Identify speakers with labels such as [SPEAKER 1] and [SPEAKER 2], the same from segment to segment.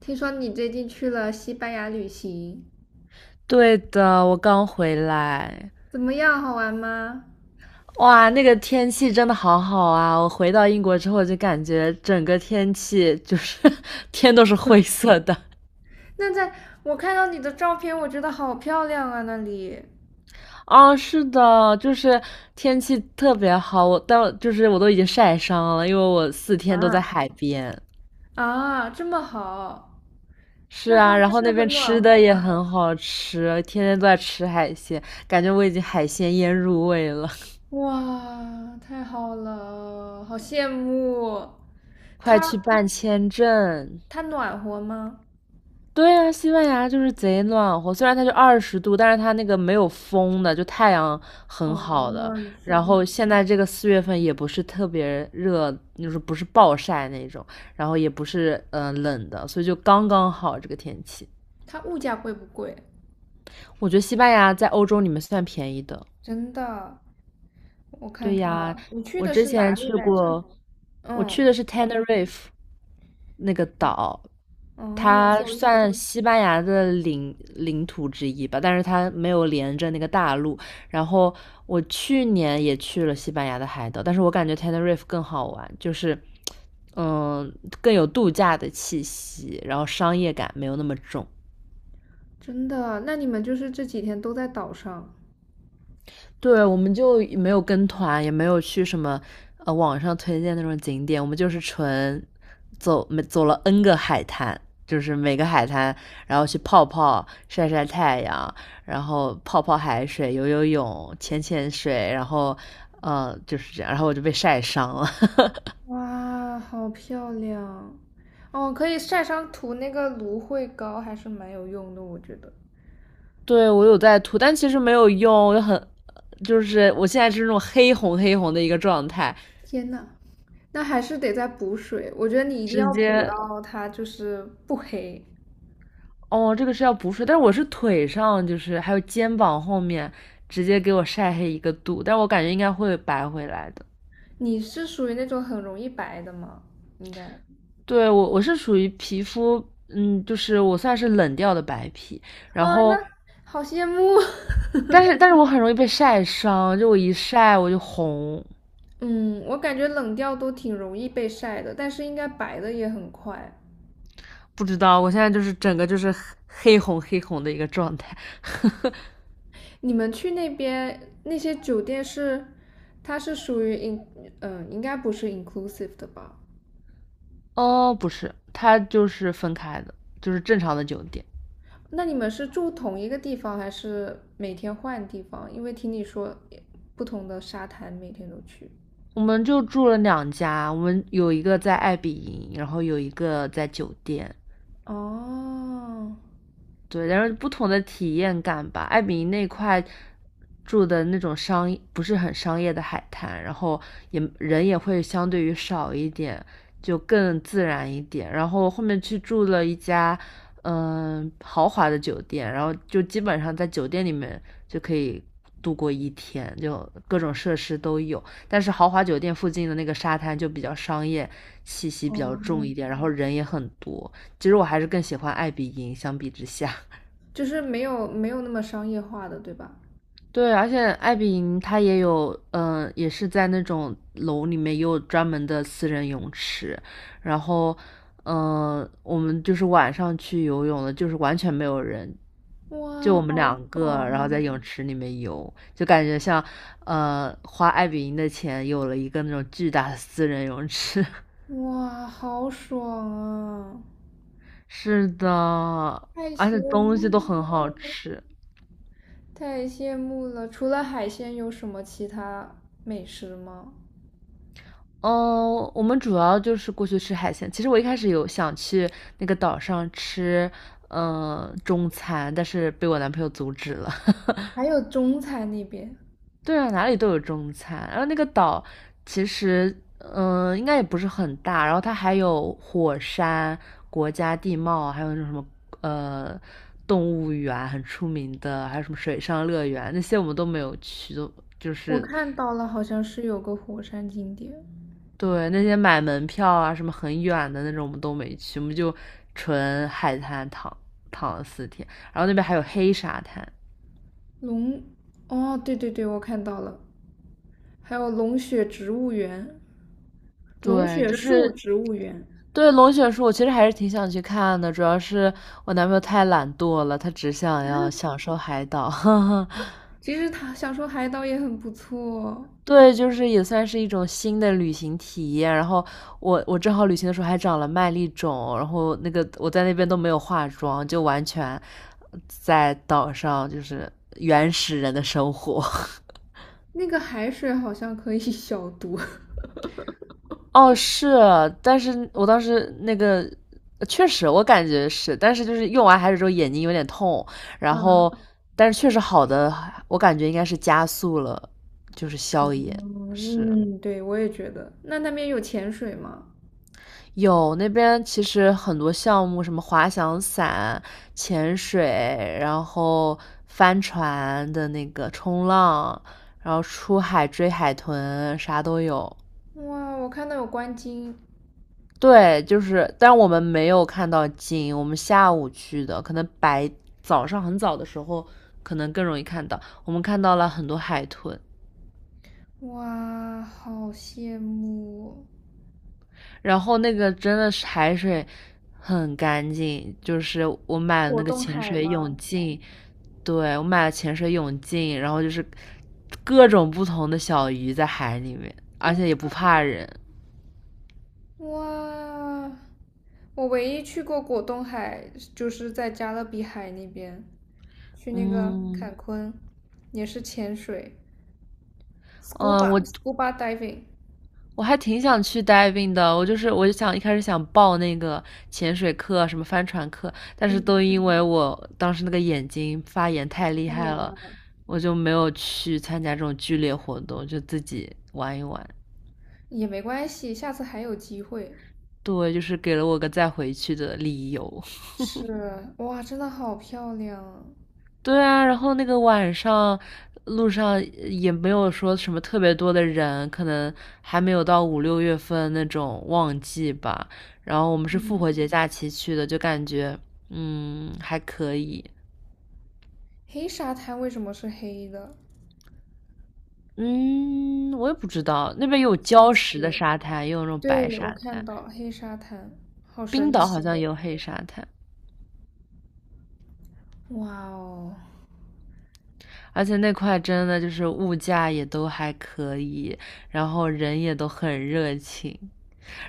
[SPEAKER 1] 听说你最近去了西班牙旅行，
[SPEAKER 2] 对的，我刚回来。
[SPEAKER 1] 怎么样？好玩吗？
[SPEAKER 2] 哇，那个天气真的好好啊！我回到英国之后就感觉整个天气就是 天都是灰色的。
[SPEAKER 1] 那在我看到你的照片，我觉得好漂亮啊，那里
[SPEAKER 2] 啊，是的，就是天气特别好，就是我都已经晒伤了，因为我四天都在
[SPEAKER 1] 啊，
[SPEAKER 2] 海边。
[SPEAKER 1] 啊，这么好。
[SPEAKER 2] 是
[SPEAKER 1] 那它
[SPEAKER 2] 啊，然后
[SPEAKER 1] 是
[SPEAKER 2] 那边
[SPEAKER 1] 很暖
[SPEAKER 2] 吃的
[SPEAKER 1] 和
[SPEAKER 2] 也
[SPEAKER 1] 吧？
[SPEAKER 2] 很好吃，天天都在吃海鲜，感觉我已经海鲜腌入味了。
[SPEAKER 1] 哇，太好了，好羡慕。
[SPEAKER 2] 快
[SPEAKER 1] 它
[SPEAKER 2] 去办签证！
[SPEAKER 1] 它暖和吗？
[SPEAKER 2] 对呀，西班牙就是贼暖和，虽然它就20度，但是它那个没有风的，就太阳很
[SPEAKER 1] 哦，
[SPEAKER 2] 好的。
[SPEAKER 1] 你是
[SPEAKER 2] 然
[SPEAKER 1] 没
[SPEAKER 2] 后现在这个4月份也不是特别热，就是不是暴晒那种，然后也不是冷的，所以就刚刚好这个天气。
[SPEAKER 1] 它物价贵不贵？
[SPEAKER 2] 我觉得西班牙在欧洲里面算便宜的。
[SPEAKER 1] 真的，我看
[SPEAKER 2] 对
[SPEAKER 1] 看，
[SPEAKER 2] 呀，
[SPEAKER 1] 啊？你去
[SPEAKER 2] 我
[SPEAKER 1] 的
[SPEAKER 2] 之
[SPEAKER 1] 是
[SPEAKER 2] 前
[SPEAKER 1] 哪里
[SPEAKER 2] 去
[SPEAKER 1] 来着？
[SPEAKER 2] 过，我去的
[SPEAKER 1] 嗯，
[SPEAKER 2] 是 Tenerife，那个岛。
[SPEAKER 1] 哦，我
[SPEAKER 2] 它
[SPEAKER 1] 搜一搜。
[SPEAKER 2] 算西班牙的领土之一吧，但是它没有连着那个大陆。然后我去年也去了西班牙的海岛，但是我感觉 Tenerife 更好玩，就是嗯更有度假的气息，然后商业感没有那么重。
[SPEAKER 1] 真的，那你们就是这几天都在岛上。
[SPEAKER 2] 对，我们就没有跟团，也没有去什么网上推荐那种景点，我们就是纯走没走了 N 个海滩，就是每个海滩，然后去泡泡、晒晒太阳，然后泡泡海水、游游泳、潜潜水，然后就是这样，然后我就被晒伤了。
[SPEAKER 1] 哇，好漂亮！哦，可以晒伤涂那个芦荟膏，还是蛮有用的，我觉得。
[SPEAKER 2] 对我有在涂，但其实没有用。我就很就是我现在是那种黑红黑红的一个状态，
[SPEAKER 1] 天呐，那还是得再补水，我觉得你一定
[SPEAKER 2] 直
[SPEAKER 1] 要补
[SPEAKER 2] 接
[SPEAKER 1] 到它就是不黑。
[SPEAKER 2] 哦，这个是要补水，但是我是腿上，就是还有肩膀后面，直接给我晒黑一个度，但我感觉应该会白回来的。
[SPEAKER 1] 你是属于那种很容易白的吗？应该。
[SPEAKER 2] 对，我是属于皮肤，嗯，就是我算是冷调的白皮，然
[SPEAKER 1] 啊，那
[SPEAKER 2] 后
[SPEAKER 1] 好羡慕。
[SPEAKER 2] 但是我很容易被晒伤，就我一晒我就红，
[SPEAKER 1] 嗯，我感觉冷调都挺容易被晒的，但是应该白的也很快。
[SPEAKER 2] 不知道我现在就是整个就是黑红黑红的一个状态。
[SPEAKER 1] 你们去那边那些酒店是，它是属于 in，应该不是 inclusive 的吧？
[SPEAKER 2] 哦，不是，它就是分开的，就是正常的酒店。
[SPEAKER 1] 那你们是住同一个地方，还是每天换地方？因为听你说不同的沙滩每天都去。
[SPEAKER 2] 我们就住了2家，我们有一个在爱比营，然后有一个在酒店。
[SPEAKER 1] 哦。
[SPEAKER 2] 对，但是不同的体验感吧。艾比那块住的那种不是很商业的海滩，然后也人也会相对于少一点，就更自然一点。然后后面去住了一家豪华的酒店，然后就基本上在酒店里面就可以度过一天，就各种设施都有。但是豪华酒店附近的那个沙滩就比较商业气息比较
[SPEAKER 1] 哦，
[SPEAKER 2] 重一点，然后人也很多。其实我还是更喜欢艾比营相比之下。
[SPEAKER 1] 就是没有没有那么商业化的，对吧？
[SPEAKER 2] 对，而且艾比营它也有，也是在那种楼里面也有专门的私人泳池，然后，我们就是晚上去游泳的，就是完全没有人，就
[SPEAKER 1] 哇，
[SPEAKER 2] 我们
[SPEAKER 1] 好
[SPEAKER 2] 2个，然后在
[SPEAKER 1] 爽啊。
[SPEAKER 2] 泳池里面游，就感觉像，花艾比营的钱有了一个那种巨大的私人泳池。
[SPEAKER 1] 哇，好爽啊！
[SPEAKER 2] 是的，
[SPEAKER 1] 太
[SPEAKER 2] 而
[SPEAKER 1] 羡
[SPEAKER 2] 且东西
[SPEAKER 1] 慕
[SPEAKER 2] 都很好
[SPEAKER 1] 了！
[SPEAKER 2] 吃。
[SPEAKER 1] 太羡慕了！除了海鲜，有什么其他美食吗？
[SPEAKER 2] 嗯，我们主要就是过去吃海鲜。其实我一开始有想去那个岛上吃，嗯，中餐，但是被我男朋友阻止了。
[SPEAKER 1] 还有中餐那边？
[SPEAKER 2] 对啊，哪里都有中餐。然后那个岛其实，嗯，应该也不是很大。然后它还有火山、国家地貌，还有那种什么，呃，动物园很出名的，还有什么水上乐园那些我们都没有去，都就
[SPEAKER 1] 我
[SPEAKER 2] 是
[SPEAKER 1] 看到了，好像是有个火山景点。
[SPEAKER 2] 对，那些买门票啊，什么很远的那种，我们都没去，我们就纯海滩躺了四天，然后那边还有黑沙滩。
[SPEAKER 1] 龙，哦，对对对，我看到了，还有龙血植物园，龙
[SPEAKER 2] 对，
[SPEAKER 1] 血
[SPEAKER 2] 就
[SPEAKER 1] 树
[SPEAKER 2] 是
[SPEAKER 1] 植物园。
[SPEAKER 2] 对龙卷树，我其实还是挺想去看的，主要是我男朋友太懒惰了，他只想要享受海岛。
[SPEAKER 1] 其实他想说海岛也很不错。
[SPEAKER 2] 对，就是也算是一种新的旅行体验。然后我正好旅行的时候还长了麦粒肿，然后那个我在那边都没有化妆，就完全在岛上就是原始人的生活。
[SPEAKER 1] 那个海水好像可以 消毒。
[SPEAKER 2] 哦，是，但是我当时那个确实我感觉是，但是就是用完海水之后眼睛有点痛，然
[SPEAKER 1] 嗯
[SPEAKER 2] 后但是确实好的，我感觉应该是加速了，就是消炎。是，
[SPEAKER 1] 嗯，对，我也觉得。那边有潜水吗？
[SPEAKER 2] 有那边其实很多项目，什么滑翔伞、潜水，然后帆船的那个冲浪，然后出海追海豚，啥都有。
[SPEAKER 1] 哇，我看到有观鲸。
[SPEAKER 2] 对，就是，但我们没有看到鲸，我们下午去的，可能早上很早的时候，可能更容易看到。我们看到了很多海豚，
[SPEAKER 1] 哇，好羡慕哦。
[SPEAKER 2] 然后那个真的是海水很干净，就是我买了那
[SPEAKER 1] 果
[SPEAKER 2] 个
[SPEAKER 1] 冻
[SPEAKER 2] 潜
[SPEAKER 1] 海
[SPEAKER 2] 水泳
[SPEAKER 1] 吗？
[SPEAKER 2] 镜。对，我买了潜水泳镜，然后就是各种不同的小鱼在海里面，而且也不怕人。
[SPEAKER 1] 哦，哇，我唯一去过果冻海就是在加勒比海那边，去那个
[SPEAKER 2] 嗯
[SPEAKER 1] 坎昆，也是潜水，
[SPEAKER 2] 嗯，我
[SPEAKER 1] scuba diving。
[SPEAKER 2] 我还挺想去 diving 的，我就想一开始想报那个潜水课啊、什么帆船课，但是都
[SPEAKER 1] 嗯，
[SPEAKER 2] 因为我当时那个眼睛发炎太厉
[SPEAKER 1] 太远
[SPEAKER 2] 害了，
[SPEAKER 1] 了。
[SPEAKER 2] 我就没有去参加这种剧烈活动，就自己玩一玩。
[SPEAKER 1] 也没关系，下次还有机会。
[SPEAKER 2] 对，就是给了我个再回去的理由。
[SPEAKER 1] 是，哇，真的好漂亮啊。
[SPEAKER 2] 对啊，然后那个晚上路上也没有说什么特别多的人，可能还没有到5、6月份那种旺季吧。然后我们是复
[SPEAKER 1] 嗯，
[SPEAKER 2] 活节假期去的，就感觉还可以。
[SPEAKER 1] 黑沙滩为什么是黑的？
[SPEAKER 2] 嗯，我也不知道，那边有
[SPEAKER 1] 好神
[SPEAKER 2] 礁石的
[SPEAKER 1] 奇。
[SPEAKER 2] 沙滩，也有那种白
[SPEAKER 1] 对，我
[SPEAKER 2] 沙
[SPEAKER 1] 看
[SPEAKER 2] 滩。
[SPEAKER 1] 到黑沙滩，好
[SPEAKER 2] 冰
[SPEAKER 1] 神
[SPEAKER 2] 岛好
[SPEAKER 1] 奇
[SPEAKER 2] 像也
[SPEAKER 1] 哦！
[SPEAKER 2] 有黑沙滩，
[SPEAKER 1] 哇哦。
[SPEAKER 2] 而且那块真的就是物价也都还可以，然后人也都很热情。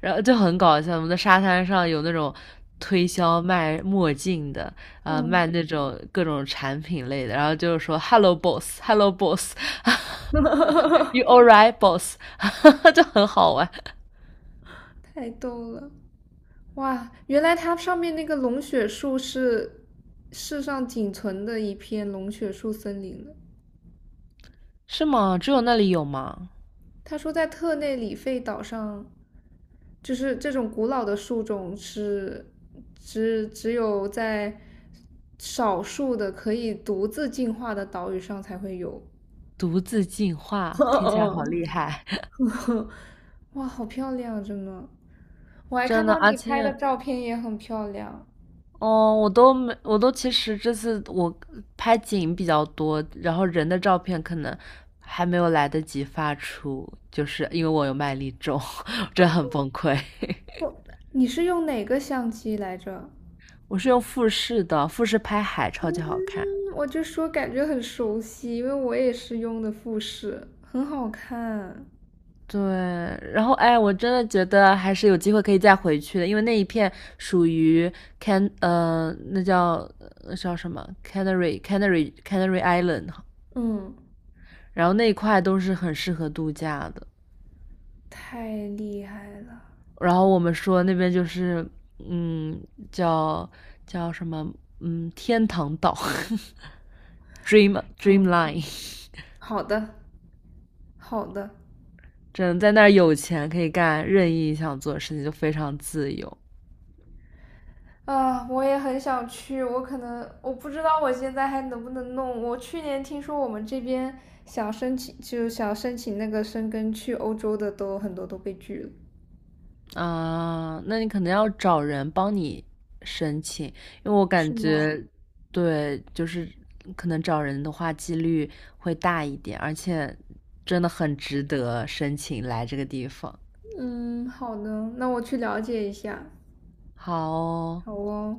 [SPEAKER 2] 然后就很搞笑。我们的沙滩上有那种推销卖墨镜的，啊、卖
[SPEAKER 1] 嗯。
[SPEAKER 2] 那种各种产品类的，然后就是说 “Hello boss, Hello boss, you alright boss”，就很好玩。
[SPEAKER 1] 太逗了！哇，原来它上面那个龙血树是世上仅存的一片龙血树森林了。
[SPEAKER 2] 是吗？只有那里有吗？
[SPEAKER 1] 他说，在特内里费岛上，就是这种古老的树种是只有在少数的可以独自进化的岛屿上才会有。
[SPEAKER 2] 独自进 化，听起来好
[SPEAKER 1] 嗯
[SPEAKER 2] 厉害。
[SPEAKER 1] 哇，好漂亮啊，真的！我 还看
[SPEAKER 2] 真的。
[SPEAKER 1] 到
[SPEAKER 2] 而
[SPEAKER 1] 你拍的
[SPEAKER 2] 且
[SPEAKER 1] 照片也很漂亮。
[SPEAKER 2] 哦，我都没，我都其实这次我拍景比较多，然后人的照片可能还没有来得及发出，就是因为我有麦粒肿，真的很崩溃。
[SPEAKER 1] 我，你是用哪个相机来着？
[SPEAKER 2] 我是用富士的，富士拍海超级好看。
[SPEAKER 1] 嗯，我就说感觉很熟悉，因为我也是用的富士，很好看。
[SPEAKER 2] 对，然后哎，我真的觉得还是有机会可以再回去的，因为那一片属于 那叫什么 Canary Island，
[SPEAKER 1] 嗯，
[SPEAKER 2] 然后那一块都是很适合度假的。
[SPEAKER 1] 太厉害了。
[SPEAKER 2] 然后我们说那边就是，嗯，叫什么，嗯，天堂岛
[SPEAKER 1] 好的，
[SPEAKER 2] Dreamline。
[SPEAKER 1] 好的，好的。
[SPEAKER 2] 真的在那儿有钱可以干任意想做的事情，就非常自由
[SPEAKER 1] 啊，我也很想去，我可能我不知道我现在还能不能弄。我去年听说我们这边想申请，就想申请那个申根去欧洲的都很多都被拒了。
[SPEAKER 2] 啊。呃那你可能要找人帮你申请，因为我感
[SPEAKER 1] 是吗？
[SPEAKER 2] 觉，对，就是可能找人的话几率会大一点，而且真的很值得申请来这个地方。
[SPEAKER 1] 嗯，好的，那我去了解一下。
[SPEAKER 2] 好哦
[SPEAKER 1] 好哦。